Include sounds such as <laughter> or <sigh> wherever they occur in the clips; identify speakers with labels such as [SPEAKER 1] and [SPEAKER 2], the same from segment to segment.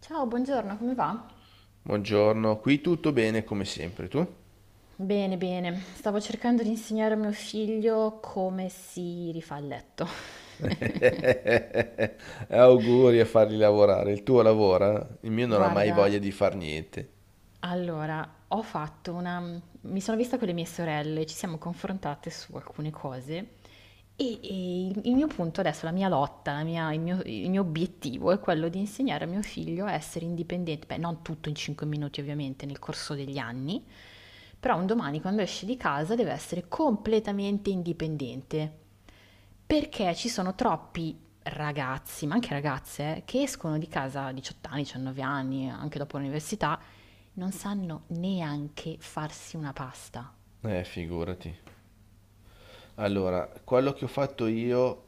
[SPEAKER 1] Ciao, buongiorno, come va?
[SPEAKER 2] Buongiorno, qui tutto bene come sempre, tu? <laughs>
[SPEAKER 1] Bene, bene. Stavo cercando di insegnare a mio figlio come si rifà il letto.
[SPEAKER 2] Eh, Auguri a farli lavorare, il tuo lavora, il mio
[SPEAKER 1] <laughs>
[SPEAKER 2] non ha mai
[SPEAKER 1] Guarda,
[SPEAKER 2] voglia di far niente.
[SPEAKER 1] allora, Mi sono vista con le mie sorelle, ci siamo confrontate su alcune cose. E il mio punto adesso, la mia lotta, la mia- il mio obiettivo è quello di insegnare a mio figlio a essere indipendente, beh, non tutto in 5 minuti ovviamente nel corso degli anni, però un domani quando esce di casa deve essere completamente indipendente, perché ci sono troppi ragazzi, ma anche ragazze, che escono di casa a 18 anni, 19 anni, anche dopo l'università, non sanno neanche farsi una pasta.
[SPEAKER 2] Figurati. Allora, quello che ho fatto io,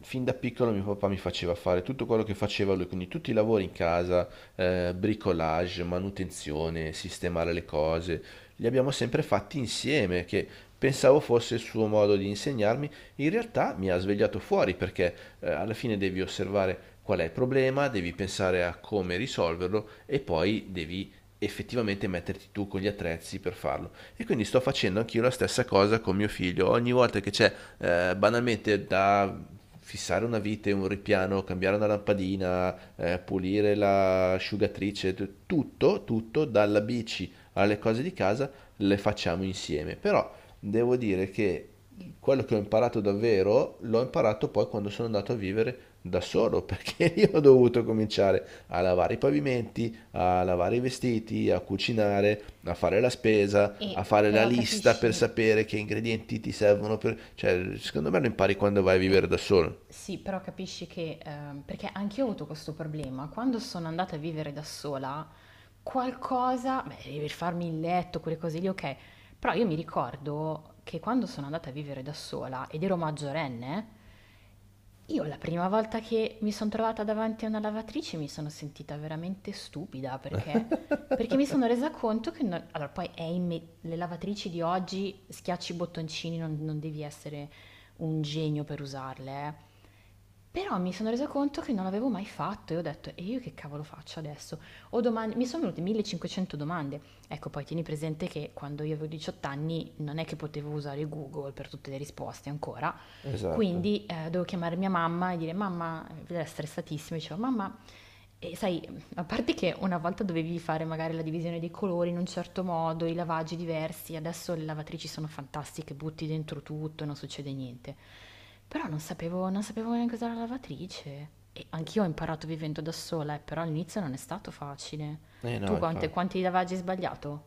[SPEAKER 2] fin da piccolo mio papà mi faceva fare tutto quello che faceva lui, quindi tutti i lavori in casa, bricolage, manutenzione, sistemare le cose, li abbiamo sempre fatti insieme, che pensavo fosse il suo modo di insegnarmi, in realtà mi ha svegliato fuori perché alla fine devi osservare qual è il problema, devi pensare a come risolverlo e poi devi effettivamente metterti tu con gli attrezzi per farlo. E quindi sto facendo anch'io la stessa cosa con mio figlio. Ogni volta che c'è banalmente da fissare una vite, un ripiano, cambiare una lampadina, pulire l'asciugatrice, tutto, dalla bici alle cose di casa, le facciamo insieme. Però devo dire che quello che ho imparato davvero l'ho imparato poi quando sono andato a vivere da solo, <laughs> perché io ho dovuto cominciare a lavare i pavimenti, a lavare i vestiti, a cucinare, a fare la spesa, a
[SPEAKER 1] E
[SPEAKER 2] fare la
[SPEAKER 1] però
[SPEAKER 2] lista per
[SPEAKER 1] capisci,
[SPEAKER 2] sapere che ingredienti ti servono per... Cioè, secondo me lo impari quando vai a vivere
[SPEAKER 1] Eh,
[SPEAKER 2] da solo.
[SPEAKER 1] sì, però capisci che, perché anch'io ho avuto questo problema, quando sono andata a vivere da sola, qualcosa, beh, devi farmi il letto, quelle cose lì, ok, però io mi ricordo che quando sono andata a vivere da sola ed ero maggiorenne, io la prima volta che mi sono trovata davanti a una lavatrice mi sono sentita veramente stupida perché mi sono resa conto che... non- allora, poi è le lavatrici di oggi, schiacci i bottoncini, non devi essere un genio per usarle, eh. Però mi sono resa conto che non l'avevo mai fatto e ho detto, e io che cavolo faccio adesso? Ho domande, mi sono venute 1500 domande. Ecco, poi tieni presente che quando io avevo 18 anni non è che potevo usare Google per tutte le risposte ancora,
[SPEAKER 2] Esatto.
[SPEAKER 1] quindi dovevo chiamare mia mamma e dire mamma, era stressatissima, dicevo mamma, e sai, a parte che una volta dovevi fare magari la divisione dei colori in un certo modo, i lavaggi diversi, adesso le lavatrici sono fantastiche, butti dentro tutto e non succede niente. Però non sapevo neanche usare la lavatrice. E anch'io ho imparato vivendo da sola, però all'inizio non è stato facile.
[SPEAKER 2] Eh no,
[SPEAKER 1] Tu
[SPEAKER 2] infatti.
[SPEAKER 1] quanti lavaggi hai sbagliato?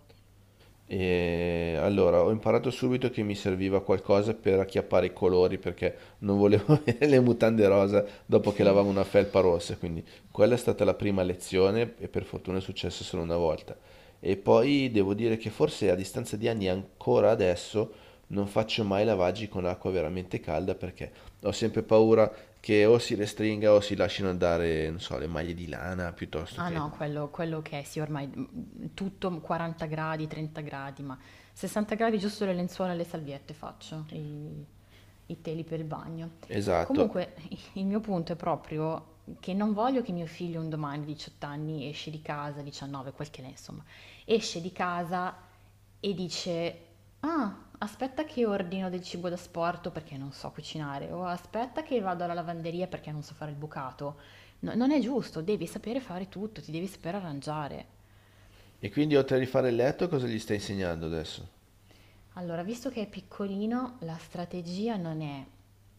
[SPEAKER 2] E allora ho imparato subito che mi serviva qualcosa per acchiappare i colori perché non volevo <laughs> avere le mutande rosa dopo che
[SPEAKER 1] Sì.
[SPEAKER 2] lavavo una felpa rossa, quindi quella è stata la prima lezione e per fortuna è successo solo una volta. E poi devo dire che forse a distanza di anni ancora adesso non faccio mai lavaggi con acqua veramente calda perché ho sempre paura che o si restringa o si lasciano andare, non so, le maglie di lana piuttosto
[SPEAKER 1] Ah
[SPEAKER 2] che...
[SPEAKER 1] no, quello che è, sì, ormai tutto 40 gradi, 30 gradi, ma 60 gradi giusto le lenzuola e le salviette faccio, i teli per il bagno.
[SPEAKER 2] Esatto.
[SPEAKER 1] Comunque, <laughs> il mio punto è proprio che non voglio che mio figlio un domani, 18 anni, esce di casa, 19, quel che è, insomma, esce di casa e dice, ah, aspetta che ordino del cibo da sporto perché non so cucinare, o aspetta che vado alla lavanderia perché non so fare il bucato. Non è giusto, devi sapere fare tutto, ti devi saper arrangiare.
[SPEAKER 2] E quindi oltre a rifare il letto, cosa gli stai insegnando adesso?
[SPEAKER 1] Allora, visto che è piccolino, la strategia non è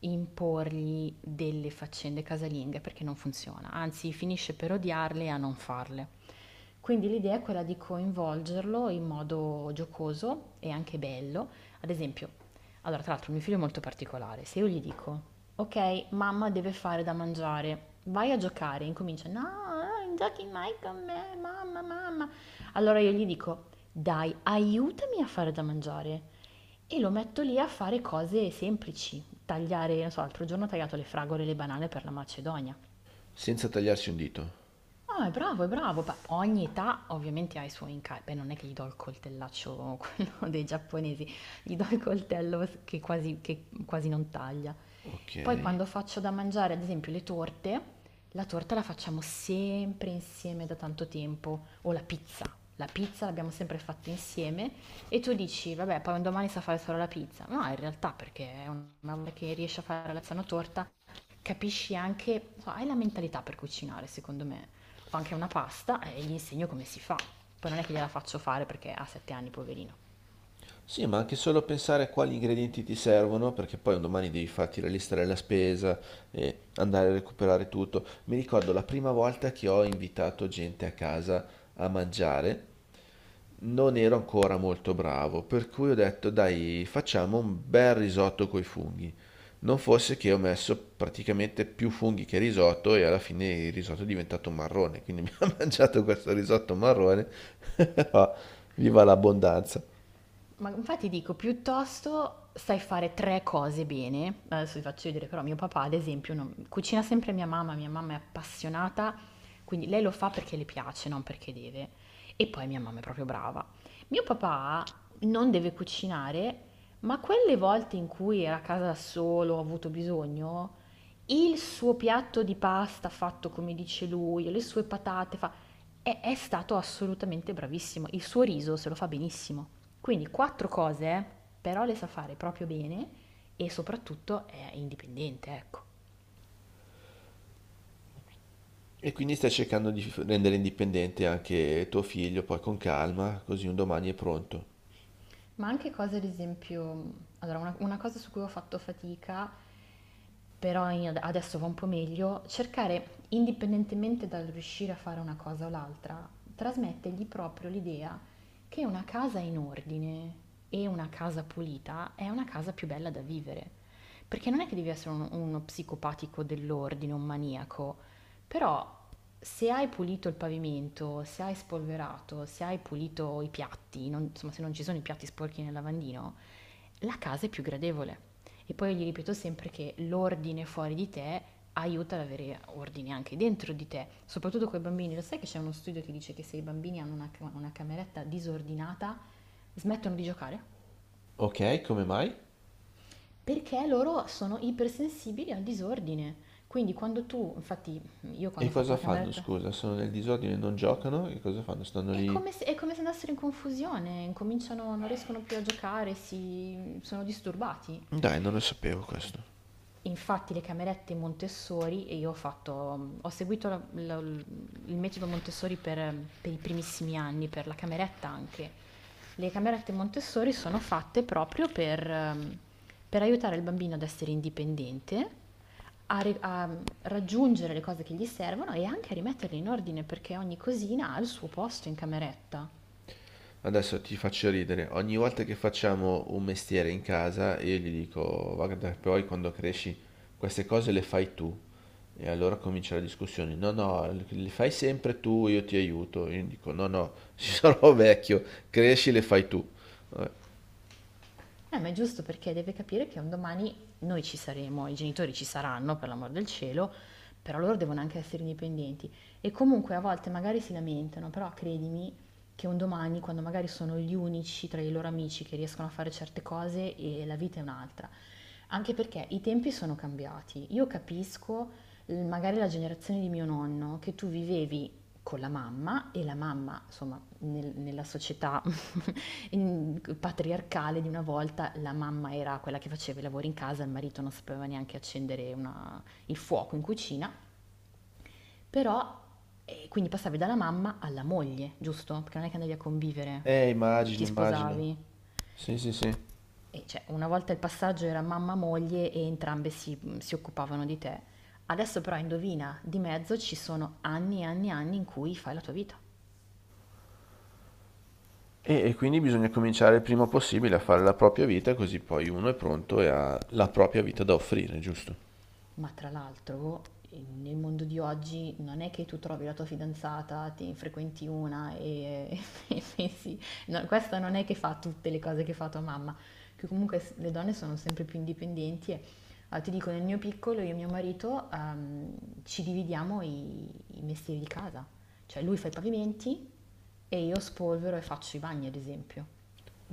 [SPEAKER 1] imporgli delle faccende casalinghe perché non funziona, anzi finisce per odiarle e a non farle. Quindi l'idea è quella di coinvolgerlo in modo giocoso e anche bello. Ad esempio, allora, tra l'altro, mio figlio è molto particolare. Se io gli dico, ok, mamma deve fare da mangiare, vai a giocare, incomincia, no, non giochi mai con me, mamma, mamma. Allora io gli dico, dai, aiutami a fare da mangiare. E lo metto lì a fare cose semplici, tagliare, non so, l'altro giorno ho tagliato le fragole e le banane per la Macedonia.
[SPEAKER 2] Senza tagliarsi un dito.
[SPEAKER 1] Ah, è bravo, è bravo. Beh, ogni età ovviamente ha i suoi incarichi. Beh, non è che gli do il coltellaccio, <laughs> quello dei giapponesi, gli do il coltello che quasi non taglia.
[SPEAKER 2] Ok.
[SPEAKER 1] Poi quando faccio da mangiare, ad esempio, le torte, la torta la facciamo sempre insieme da tanto tempo, o la pizza. La pizza l'abbiamo sempre fatta insieme e tu dici, vabbè, poi un domani sa fare solo la pizza. No, in realtà perché è una volta che riesci a fare la pizza una torta, capisci anche, so, hai la mentalità per cucinare, secondo me. Ho anche una pasta e gli insegno come si fa. Poi non è che gliela faccio fare perché ha 7 anni, poverina.
[SPEAKER 2] Sì, ma anche solo pensare a quali ingredienti ti servono, perché poi un domani devi farti la lista della spesa e andare a recuperare tutto. Mi ricordo la prima volta che ho invitato gente a casa a mangiare, non ero ancora molto bravo, per cui ho detto, dai, facciamo un bel risotto coi funghi. Non fosse che ho messo praticamente più funghi che risotto e alla fine il risotto è diventato marrone, quindi mi ho <laughs> mangiato questo risotto marrone. <laughs> Viva l'abbondanza!
[SPEAKER 1] Ma infatti dico, piuttosto sai fare tre cose bene. Adesso vi faccio vedere, però mio papà, ad esempio, cucina sempre mia mamma è appassionata, quindi lei lo fa perché le piace, non perché deve. E poi mia mamma è proprio brava. Mio papà non deve cucinare, ma quelle volte in cui era a casa da solo, ho avuto bisogno, il suo piatto di pasta fatto come dice lui, le sue patate fa... E è stato assolutamente bravissimo. Il suo riso se lo fa benissimo. Quindi quattro cose, però le sa fare proprio bene e soprattutto è indipendente, ecco.
[SPEAKER 2] E quindi stai cercando di rendere indipendente anche tuo figlio, poi con calma, così un domani è pronto.
[SPEAKER 1] Ma anche cose, ad esempio, allora una cosa su cui ho fatto fatica, però adesso va un po' meglio, cercare, indipendentemente dal riuscire a fare una cosa o l'altra, trasmettergli proprio l'idea che una casa in ordine e una casa pulita è una casa più bella da vivere. Perché non è che devi essere uno psicopatico dell'ordine, un maniaco, però se hai pulito il pavimento, se hai spolverato, se hai pulito i piatti, insomma se non ci sono i piatti sporchi nel lavandino, la casa è più gradevole. E poi io gli ripeto sempre che l'ordine fuori di te aiuta ad avere ordine anche dentro di te, soprattutto con i bambini. Lo sai che c'è uno studio che dice che se i bambini hanno una cameretta disordinata smettono di giocare?
[SPEAKER 2] Ok, come mai?
[SPEAKER 1] Perché loro sono ipersensibili al disordine. Quindi quando tu, infatti io
[SPEAKER 2] E
[SPEAKER 1] quando ho fatto
[SPEAKER 2] cosa
[SPEAKER 1] la
[SPEAKER 2] fanno,
[SPEAKER 1] cameretta
[SPEAKER 2] scusa? Sono nel disordine, e non giocano? E cosa fanno? Stanno
[SPEAKER 1] è
[SPEAKER 2] lì...
[SPEAKER 1] come se, è come se andassero in confusione, incominciano, non riescono più a giocare, si, sono disturbati.
[SPEAKER 2] Dai, non lo sapevo questo.
[SPEAKER 1] Infatti le camerette Montessori, e io ho seguito il metodo Montessori per i primissimi anni, per la cameretta anche. Le camerette Montessori sono fatte proprio per aiutare il bambino ad essere indipendente, a raggiungere le cose che gli servono e anche a rimetterle in ordine perché ogni cosina ha il suo posto in cameretta.
[SPEAKER 2] Adesso ti faccio ridere. Ogni volta che facciamo un mestiere in casa, io gli dico, guarda, poi quando cresci queste cose le fai tu. E allora comincia la discussione. No, no, le fai sempre tu, io ti aiuto. Io dico, no, no, <laughs> sarò vecchio, cresci, le fai tu.
[SPEAKER 1] Ma è giusto perché deve capire che un domani noi ci saremo, i genitori ci saranno, per l'amor del cielo, però loro devono anche essere indipendenti. E comunque a volte magari si lamentano, però credimi che un domani, quando magari sono gli unici tra i loro amici che riescono a fare certe cose, e la vita è un'altra. Anche perché i tempi sono cambiati. Io capisco, magari la generazione di mio nonno, che tu vivevi con la mamma e la mamma, insomma, nella società <laughs> patriarcale di una volta, la mamma era quella che faceva i lavori in casa, il marito non sapeva neanche accendere il fuoco in cucina, però quindi passavi dalla mamma alla moglie, giusto? Perché non è che andavi a convivere,
[SPEAKER 2] Immagino,
[SPEAKER 1] ti
[SPEAKER 2] immagino.
[SPEAKER 1] sposavi.
[SPEAKER 2] Sì, sì, sì.
[SPEAKER 1] E cioè, una volta il passaggio era mamma-moglie e entrambe si occupavano di te. Adesso però indovina, di mezzo ci sono anni e anni e anni in cui fai la tua vita.
[SPEAKER 2] E quindi bisogna cominciare il prima possibile a fare la propria vita, così poi uno è pronto e ha la propria vita da offrire, giusto?
[SPEAKER 1] Ma tra l'altro, nel mondo di oggi non è che tu trovi la tua fidanzata, te ne frequenti una e, <laughs> e pensi, no, questa non è che fa tutte le cose che fa tua mamma, che comunque le donne sono sempre più indipendenti e ti dico, nel mio piccolo io e mio marito ci dividiamo i mestieri di casa, cioè lui fa i pavimenti e io spolvero e faccio i bagni, ad esempio.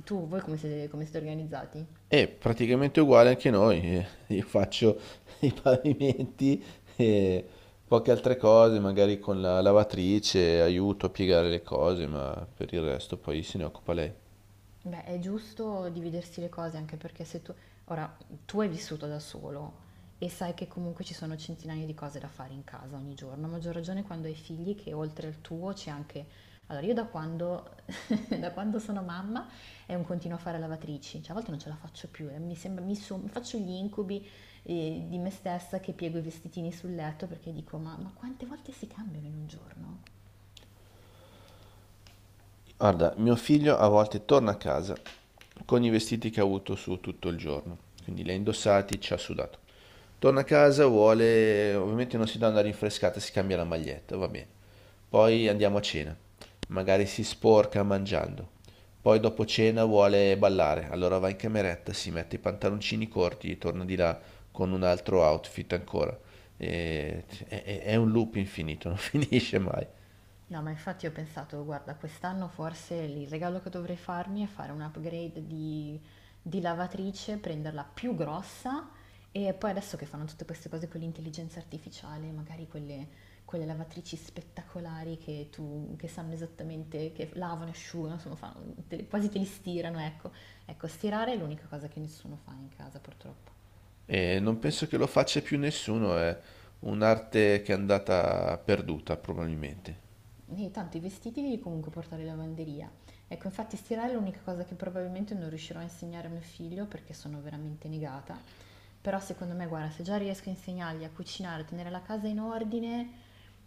[SPEAKER 1] Tu, voi come siete organizzati?
[SPEAKER 2] E praticamente uguale anche noi. Io faccio <laughs> i pavimenti e poche altre cose, magari con la lavatrice, aiuto a piegare le cose, ma per il resto poi se ne occupa lei.
[SPEAKER 1] Beh, è giusto dividersi le cose anche perché se tu, ora, tu hai vissuto da solo e sai che comunque ci sono centinaia di cose da fare in casa ogni giorno, a maggior ragione quando hai figli che oltre al tuo c'è anche... Allora, io da quando, <laughs> da quando sono mamma è un continuo a fare lavatrici, cioè a volte non ce la faccio più, mi sembra, faccio gli incubi di me stessa che piego i vestitini sul letto perché dico, ma quante volte si cambiano in un giorno?
[SPEAKER 2] Guarda, mio figlio a volte torna a casa con i vestiti che ha avuto su tutto il giorno, quindi li ha indossati, ci ha sudato. Torna a casa, vuole, ovviamente non si dà una rinfrescata, si cambia la maglietta, va bene. Poi andiamo a cena, magari si sporca mangiando. Poi dopo cena vuole ballare, allora va in cameretta, si mette i pantaloncini corti, torna di là con un altro outfit ancora. È un loop infinito, non <laughs> finisce mai.
[SPEAKER 1] No, ma infatti ho pensato, guarda, quest'anno forse il regalo che dovrei farmi è fare un upgrade di lavatrice, prenderla più grossa e poi adesso che fanno tutte queste cose con l'intelligenza artificiale, magari quelle lavatrici spettacolari che sanno esattamente, che lavano, asciugano, insomma, quasi te li stirano, ecco. Ecco, stirare è l'unica cosa che nessuno fa in casa purtroppo.
[SPEAKER 2] E non penso che lo faccia più nessuno, è un'arte che è andata perduta probabilmente.
[SPEAKER 1] E tanto i vestiti devi comunque portare in lavanderia. Ecco, infatti stirare è l'unica cosa che probabilmente non riuscirò a insegnare a mio figlio perché sono veramente negata. Però secondo me, guarda, se già riesco a insegnargli a cucinare, a tenere la casa in ordine,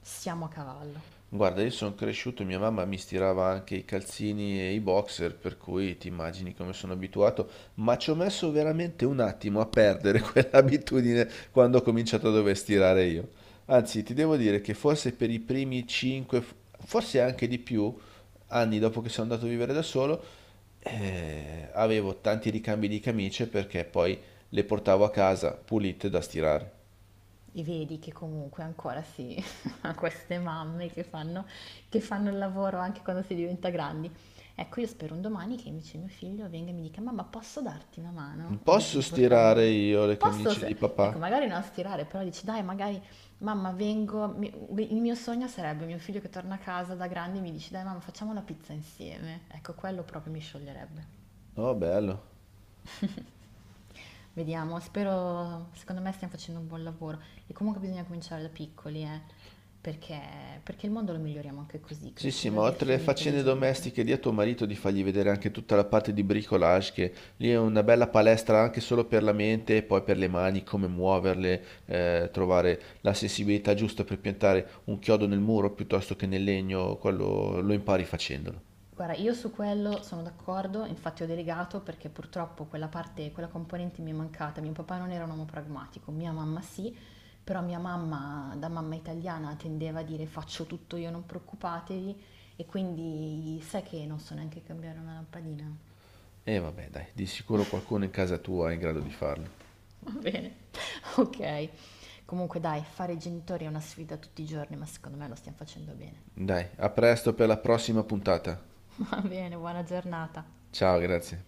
[SPEAKER 1] siamo a cavallo.
[SPEAKER 2] Guarda, io sono cresciuto, mia mamma mi stirava anche i calzini e i boxer, per cui ti immagini come sono abituato, ma ci ho messo veramente un attimo a perdere <laughs> quell'abitudine quando ho cominciato a dover stirare io. Anzi, ti devo dire che forse per i primi 5, forse anche di più, anni dopo che sono andato a vivere da solo, avevo tanti ricambi di camicie perché poi le portavo a casa pulite da stirare.
[SPEAKER 1] E vedi che comunque ancora si <laughs> ha queste mamme che fanno il lavoro anche quando si diventa grandi. Ecco, io spero un domani che invece mio figlio venga e mi dica: Mamma, posso darti una mano?
[SPEAKER 2] Non
[SPEAKER 1] Invece
[SPEAKER 2] posso
[SPEAKER 1] di
[SPEAKER 2] stirare
[SPEAKER 1] portarmi.
[SPEAKER 2] io le
[SPEAKER 1] Posso,
[SPEAKER 2] camicie di
[SPEAKER 1] ecco,
[SPEAKER 2] papà?
[SPEAKER 1] magari non stirare, però dici: Dai, magari, mamma, vengo. Il mio sogno sarebbe mio figlio che torna a casa da grande e mi dice: Dai, mamma, facciamo la pizza insieme. Ecco, quello proprio mi scioglierebbe.
[SPEAKER 2] Oh, bello.
[SPEAKER 1] Vediamo, spero, secondo me stiamo facendo un buon lavoro e comunque bisogna cominciare da piccoli, perché il mondo lo miglioriamo anche così,
[SPEAKER 2] Sì, sì,
[SPEAKER 1] crescendo
[SPEAKER 2] ma
[SPEAKER 1] dei
[SPEAKER 2] oltre alle
[SPEAKER 1] figli
[SPEAKER 2] faccende
[SPEAKER 1] intelligenti.
[SPEAKER 2] domestiche, di a tuo marito di fargli vedere anche tutta la parte di bricolage, che lì è una bella palestra anche solo per la mente e poi per le mani, come muoverle, trovare la sensibilità giusta per piantare un chiodo nel muro piuttosto che nel legno, quello lo impari facendolo.
[SPEAKER 1] Guarda, io su quello sono d'accordo, infatti ho delegato perché purtroppo quella parte, quella componente mi è mancata. Mio papà non era un uomo pragmatico, mia mamma sì, però mia mamma, da mamma italiana, tendeva a dire faccio tutto io, non preoccupatevi, e quindi sai che non so neanche cambiare una lampadina.
[SPEAKER 2] E vabbè, dai, di sicuro qualcuno in casa tua è in grado di farlo.
[SPEAKER 1] Va bene, <laughs> ok. Comunque dai, fare i genitori è una sfida tutti i giorni, ma secondo me lo stiamo facendo bene.
[SPEAKER 2] Dai, a presto per la prossima puntata.
[SPEAKER 1] <laughs> Va bene, buona giornata.
[SPEAKER 2] Ciao, grazie.